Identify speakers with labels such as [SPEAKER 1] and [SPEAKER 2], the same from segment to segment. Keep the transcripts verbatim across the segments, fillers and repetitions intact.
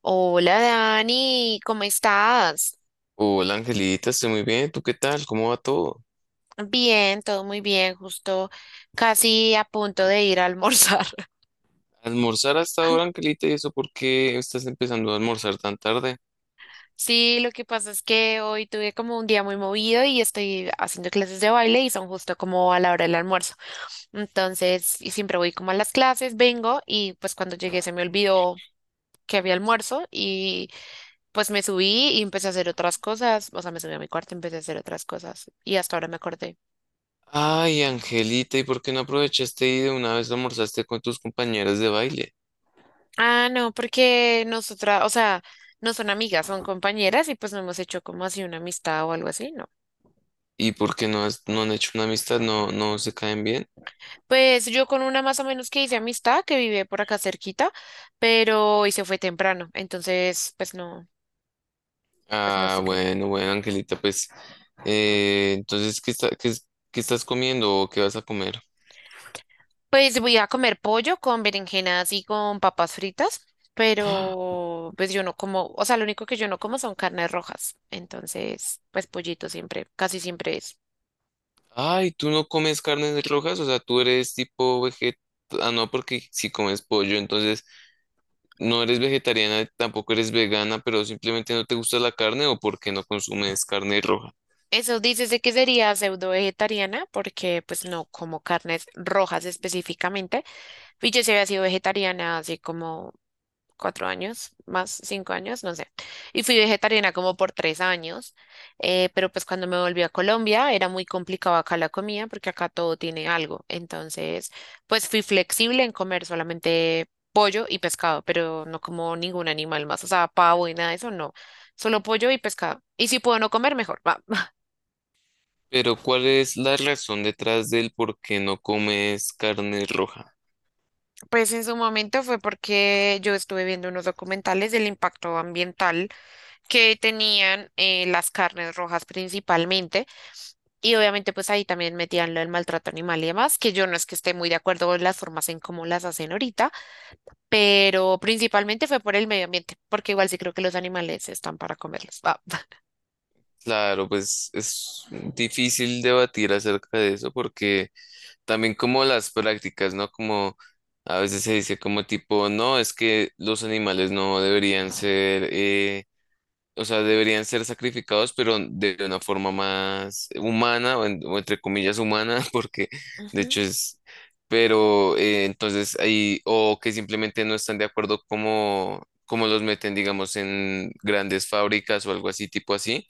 [SPEAKER 1] Hola Dani, ¿cómo estás?
[SPEAKER 2] Hola Angelita, estoy muy bien. ¿Tú qué tal? ¿Cómo va todo?
[SPEAKER 1] Bien, todo muy bien, justo casi a punto de ir a almorzar.
[SPEAKER 2] ¿Almorzar hasta ahora, Angelita? ¿Y eso por qué estás empezando a almorzar tan tarde?
[SPEAKER 1] Sí, lo que pasa es que hoy tuve como un día muy movido y estoy haciendo clases de baile y son justo como a la hora del almuerzo. Entonces, y siempre voy como a las clases, vengo y pues cuando llegué se me olvidó que había almuerzo y pues me subí y empecé a hacer otras cosas, o sea, me subí a mi cuarto y empecé a hacer otras cosas y hasta ahora me acordé.
[SPEAKER 2] Ay, Angelita, ¿y por qué no aprovechaste y de una vez almorzaste con tus compañeras de baile?
[SPEAKER 1] Ah, no, porque nosotras, o sea, no son amigas, son compañeras y pues no hemos hecho como así una amistad o algo así, ¿no?
[SPEAKER 2] ¿Y por qué no, has- no han hecho una amistad? ¿No, no se caen bien?
[SPEAKER 1] Pues yo con una más o menos que hice amistad, que vive por acá cerquita, pero y se fue temprano, entonces pues no, pues no
[SPEAKER 2] Ah,
[SPEAKER 1] sé qué.
[SPEAKER 2] bueno, bueno, Angelita, pues eh, entonces, ¿qué está- qué es- qué estás comiendo o qué vas a comer?
[SPEAKER 1] Pues voy a comer pollo con berenjenas y con papas fritas, pero pues yo no como, o sea, lo único que yo no como son carnes rojas, entonces pues pollito siempre, casi siempre es.
[SPEAKER 2] Ay, ¿tú no comes carnes rojas? O sea, tú eres tipo veget... Ah, no, porque si comes pollo, entonces... No eres vegetariana, tampoco eres vegana, pero simplemente no te gusta la carne o porque no consumes carne roja.
[SPEAKER 1] Eso dices de que sería pseudo vegetariana porque pues no como carnes rojas específicamente. Y yo sí había sido vegetariana hace como cuatro años, más cinco años, no sé. Y fui vegetariana como por tres años. Eh, pero pues cuando me volví a Colombia era muy complicado acá la comida porque acá todo tiene algo. Entonces pues fui flexible en comer solamente pollo y pescado, pero no como ningún animal más. O sea, pavo y nada de eso, no. Solo pollo y pescado. Y si puedo no comer, mejor.
[SPEAKER 2] Pero ¿cuál es la razón detrás del por qué no comes carne roja?
[SPEAKER 1] Pues en su momento fue porque yo estuve viendo unos documentales del impacto ambiental que tenían eh, las carnes rojas principalmente y obviamente pues ahí también metían lo del maltrato animal y demás, que yo no es que esté muy de acuerdo con las formas en cómo las hacen ahorita, pero principalmente fue por el medio ambiente, porque igual sí creo que los animales están para comerlos. Ah.
[SPEAKER 2] Claro, pues es difícil debatir acerca de eso porque también como las prácticas, ¿no? Como a veces se dice como tipo, no, es que los animales no deberían ser eh, o sea, deberían ser sacrificados, pero de una forma más humana, o, en- o entre comillas humana, porque de
[SPEAKER 1] Ujú.
[SPEAKER 2] hecho es, pero eh, entonces ahí, o que simplemente no están de acuerdo como, como los meten, digamos, en grandes fábricas o algo así, tipo así,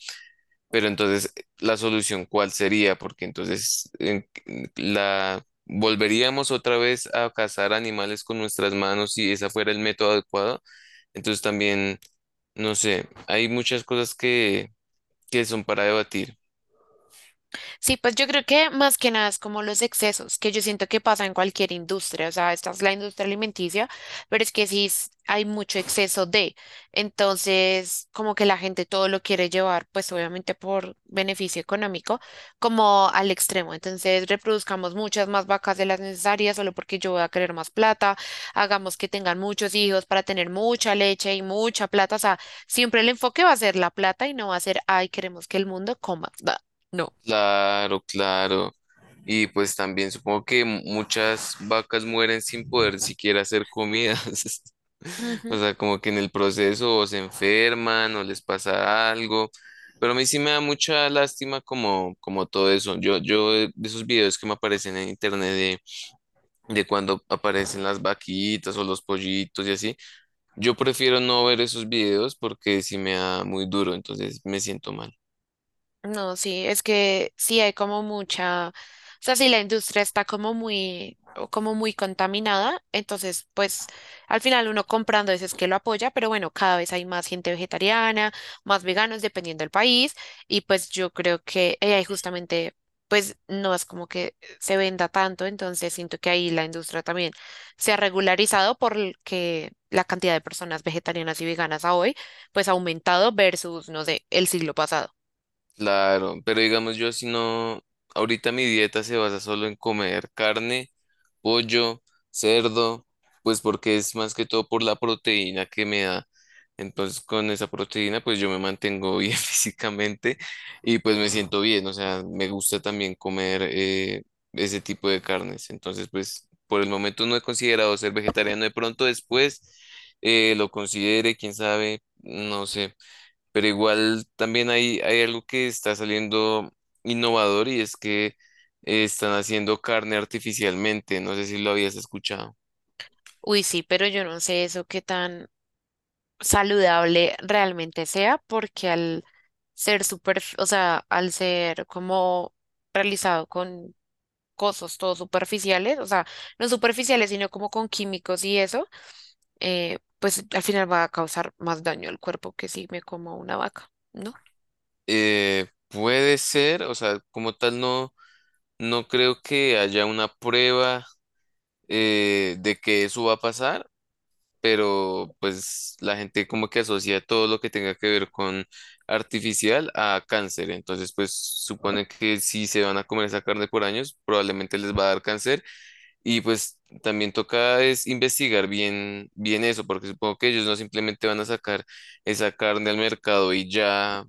[SPEAKER 2] pero entonces eh, la solución, ¿cuál sería? Porque entonces en- la... ¿Volveríamos otra vez a cazar animales con nuestras manos si ese fuera el método adecuado? Entonces también... No sé, hay muchas cosas que, que son para debatir.
[SPEAKER 1] Sí, pues yo creo que más que nada es como los excesos, que yo siento que pasa en cualquier industria, o sea, esta es la industria alimenticia, pero es que sí es- hay mucho exceso de, entonces como que la gente todo lo quiere llevar, pues obviamente por beneficio económico, como al extremo, entonces reproduzcamos muchas más vacas de las necesarias solo porque yo voy a querer más plata, hagamos que tengan muchos hijos para tener mucha leche y mucha plata, o sea, siempre el enfoque va a ser la plata y no va a ser, ay, queremos que el mundo coma. No.
[SPEAKER 2] Claro, claro. Y pues también supongo que mu- muchas vacas mueren sin poder siquiera hacer comidas. O
[SPEAKER 1] Ujú.
[SPEAKER 2] sea, como que en el proceso o se enferman o les pasa algo. Pero a mí sí me da mucha lástima como, como todo eso. Yo, yo de de esos videos que me aparecen en internet de, de cuando aparecen las vaquitas o los pollitos y así. Yo prefiero no ver esos videos porque sí me da muy duro, entonces me siento mal.
[SPEAKER 1] No, sí, es que sí hay como mucha, o sea, sí la industria está como muy, o como muy contaminada, entonces pues al final uno comprando eso es que lo apoya, pero bueno, cada vez hay más gente vegetariana, más veganos dependiendo del país y pues yo creo que eh, ahí justamente pues no es como que se venda tanto, entonces siento que ahí la industria también se ha regularizado porque la cantidad de personas vegetarianas y veganas a hoy pues ha aumentado versus, no sé, el siglo pasado.
[SPEAKER 2] Claro, pero digamos yo si no, ahorita mi dieta se basa solo en comer carne pollo, cerdo, pues porque es más que todo por la proteína que me da. Entonces con esa proteína pues yo me mantengo bien físicamente y pues me siento bien, o sea, me gusta también comer eh, ese tipo de carnes. Entonces pues por el momento no he considerado ser vegetariano, de pronto después eh, lo considere, quién sabe, no sé. Pero igual también hay, hay algo que está saliendo innovador y es que eh, están haciendo carne artificialmente. No sé si lo habías escuchado.
[SPEAKER 1] Uy, sí, pero yo no sé eso qué tan saludable realmente sea, porque al ser super, o sea, al ser como realizado con cosas todo superficiales, o sea, no superficiales, sino como con químicos y eso, eh, pues al final va a causar más daño al cuerpo que si me como una vaca, ¿no?
[SPEAKER 2] Eh, puede ser, o sea, como tal no, no creo que haya una prueba eh, de que eso va a pasar, pero pues la gente como que asocia todo lo que tenga que ver con artificial a cáncer. Entonces, pues supone que si se van a comer esa carne por años, probablemente les va a dar cáncer. Y pues también toca es investigar bien, bien eso, porque supongo que ellos no simplemente van a sacar esa carne al mercado y ya,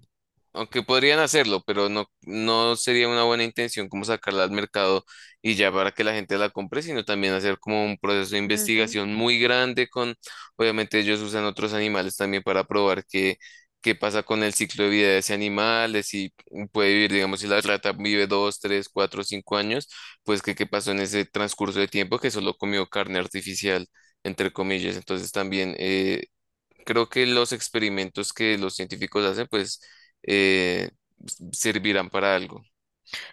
[SPEAKER 2] aunque podrían hacerlo, pero no, no sería una buena intención como sacarla al mercado y ya para que la gente la compre, sino también hacer como un proceso de
[SPEAKER 1] Ujú.
[SPEAKER 2] investigación muy grande con, obviamente ellos usan otros animales también para probar qué, qué pasa con el ciclo de vida de ese animal, de si puede vivir, digamos, si la rata vive dos, tres, cuatro, cinco años, pues qué qué pasó en ese transcurso de tiempo que solo comió carne artificial, entre comillas. Entonces también eh, creo que los experimentos que los científicos hacen, pues, eh, servirán para algo.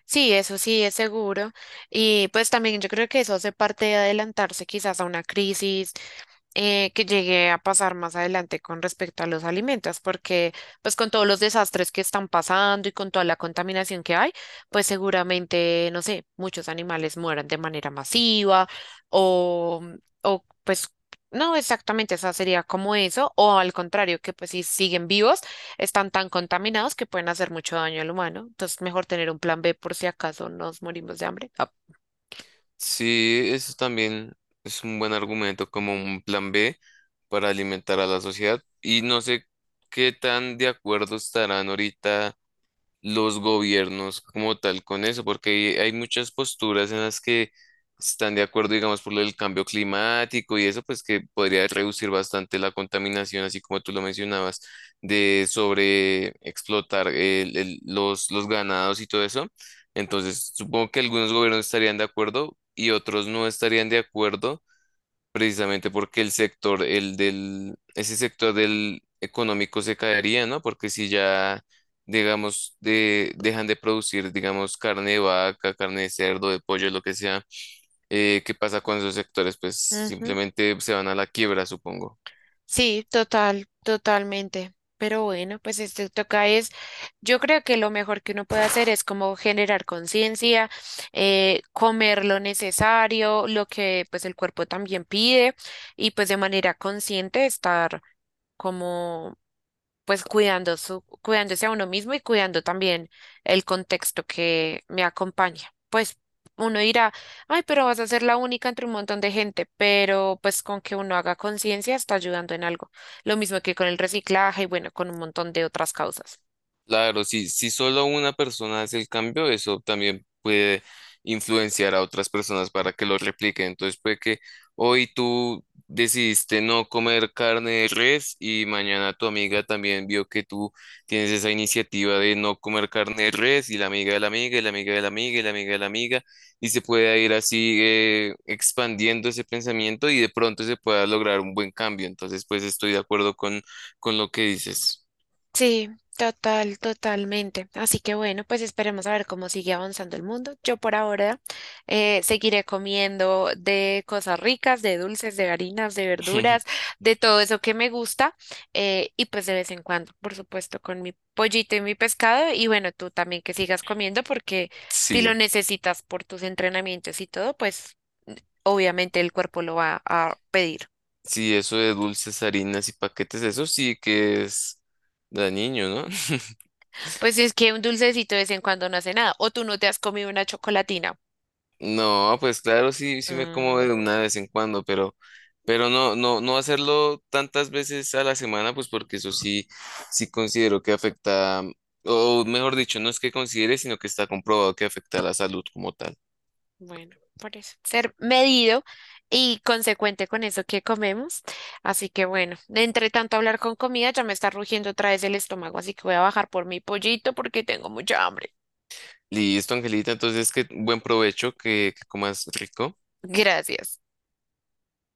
[SPEAKER 1] Sí, eso sí es seguro. Y pues también yo creo que eso hace parte de adelantarse quizás a una crisis eh, que llegué a pasar más adelante con respecto a los alimentos, porque pues con todos los desastres que están pasando y con toda la contaminación que hay, pues seguramente, no sé, muchos animales mueran de manera masiva o, o pues no exactamente, esa sería como eso, o al contrario, que pues si siguen vivos, están tan contaminados que pueden hacer mucho daño al humano, entonces mejor tener un plan be por si acaso nos morimos de hambre.
[SPEAKER 2] Sí, eso también es un buen argumento como un plan B para alimentar a la sociedad. Y no sé qué tan de acuerdo estarán ahorita los gobiernos como tal con eso, porque hay hay muchas posturas en las que están de acuerdo, digamos, por lo del cambio climático y eso, pues que podría reducir bastante la contaminación, así como tú lo mencionabas, de sobre explotar el- el- los, los ganados y todo eso. Entonces, supongo que algunos gobiernos estarían de acuerdo y otros no estarían de acuerdo precisamente porque el sector, el del, ese sector del económico se caería, ¿no? Porque si ya, digamos, de, dejan de producir, digamos, carne de vaca, carne de cerdo, de pollo, lo que sea, eh, ¿qué pasa con esos sectores? Pues
[SPEAKER 1] Ah.
[SPEAKER 2] simplemente se van a la quiebra, supongo.
[SPEAKER 1] Sí, total, totalmente. Pero bueno, pues esto toca es, yo creo que lo mejor que uno puede hacer es como generar conciencia, eh, comer lo necesario, lo que pues el cuerpo también pide y pues de manera consciente estar como pues cuidando su, cuidándose a uno mismo y cuidando también el contexto que me acompaña. Pues uno dirá, ay, pero vas a ser la única entre un montón de gente, pero pues con que uno haga conciencia está ayudando en algo. Lo mismo que con el reciclaje y bueno, con un montón de otras causas.
[SPEAKER 2] Claro, si, si solo una persona hace el cambio, eso también puede influenciar a otras personas para que lo repliquen. Entonces puede que hoy tú decidiste no comer carne de res y mañana tu amiga también vio que tú tienes esa iniciativa de no comer carne de res y la amiga de la amiga y la amiga de la amiga y la amiga de la amiga y se puede ir así eh, expandiendo ese pensamiento y de pronto se pueda lograr un buen cambio. Entonces pues estoy de acuerdo con, con lo que dices.
[SPEAKER 1] Sí, total, totalmente. Así que bueno, pues esperemos a ver cómo sigue avanzando el mundo. Yo por ahora eh, seguiré comiendo de cosas ricas, de dulces, de harinas, de verduras, de todo eso que me gusta eh, y pues de vez en cuando, por supuesto, con mi pollito y mi pescado y bueno, tú también que sigas comiendo porque si lo
[SPEAKER 2] Sí.
[SPEAKER 1] necesitas por tus entrenamientos y todo, pues obviamente el cuerpo lo va a pedir.
[SPEAKER 2] Sí, eso de dulces, harinas y paquetes, eso sí que es de niño, ¿no?
[SPEAKER 1] Pues es que un dulcecito de vez en cuando no hace nada o tú no te has comido una chocolatina.
[SPEAKER 2] No, pues claro, sí, sí me como
[SPEAKER 1] Mm,
[SPEAKER 2] de una vez en cuando, pero, pero no, no, no hacerlo tantas veces a la semana, pues porque eso sí, sí considero que afecta, o mejor dicho, no es que considere, sino que está comprobado que afecta a la salud como tal.
[SPEAKER 1] bueno, por eso. Ser medido y consecuente con eso que comemos. Así que bueno, de entre tanto hablar con comida, ya me está rugiendo otra vez el estómago, así que voy a bajar por mi pollito porque tengo mucha hambre.
[SPEAKER 2] Listo, Angelita, entonces que buen provecho, que, que comas rico.
[SPEAKER 1] Gracias.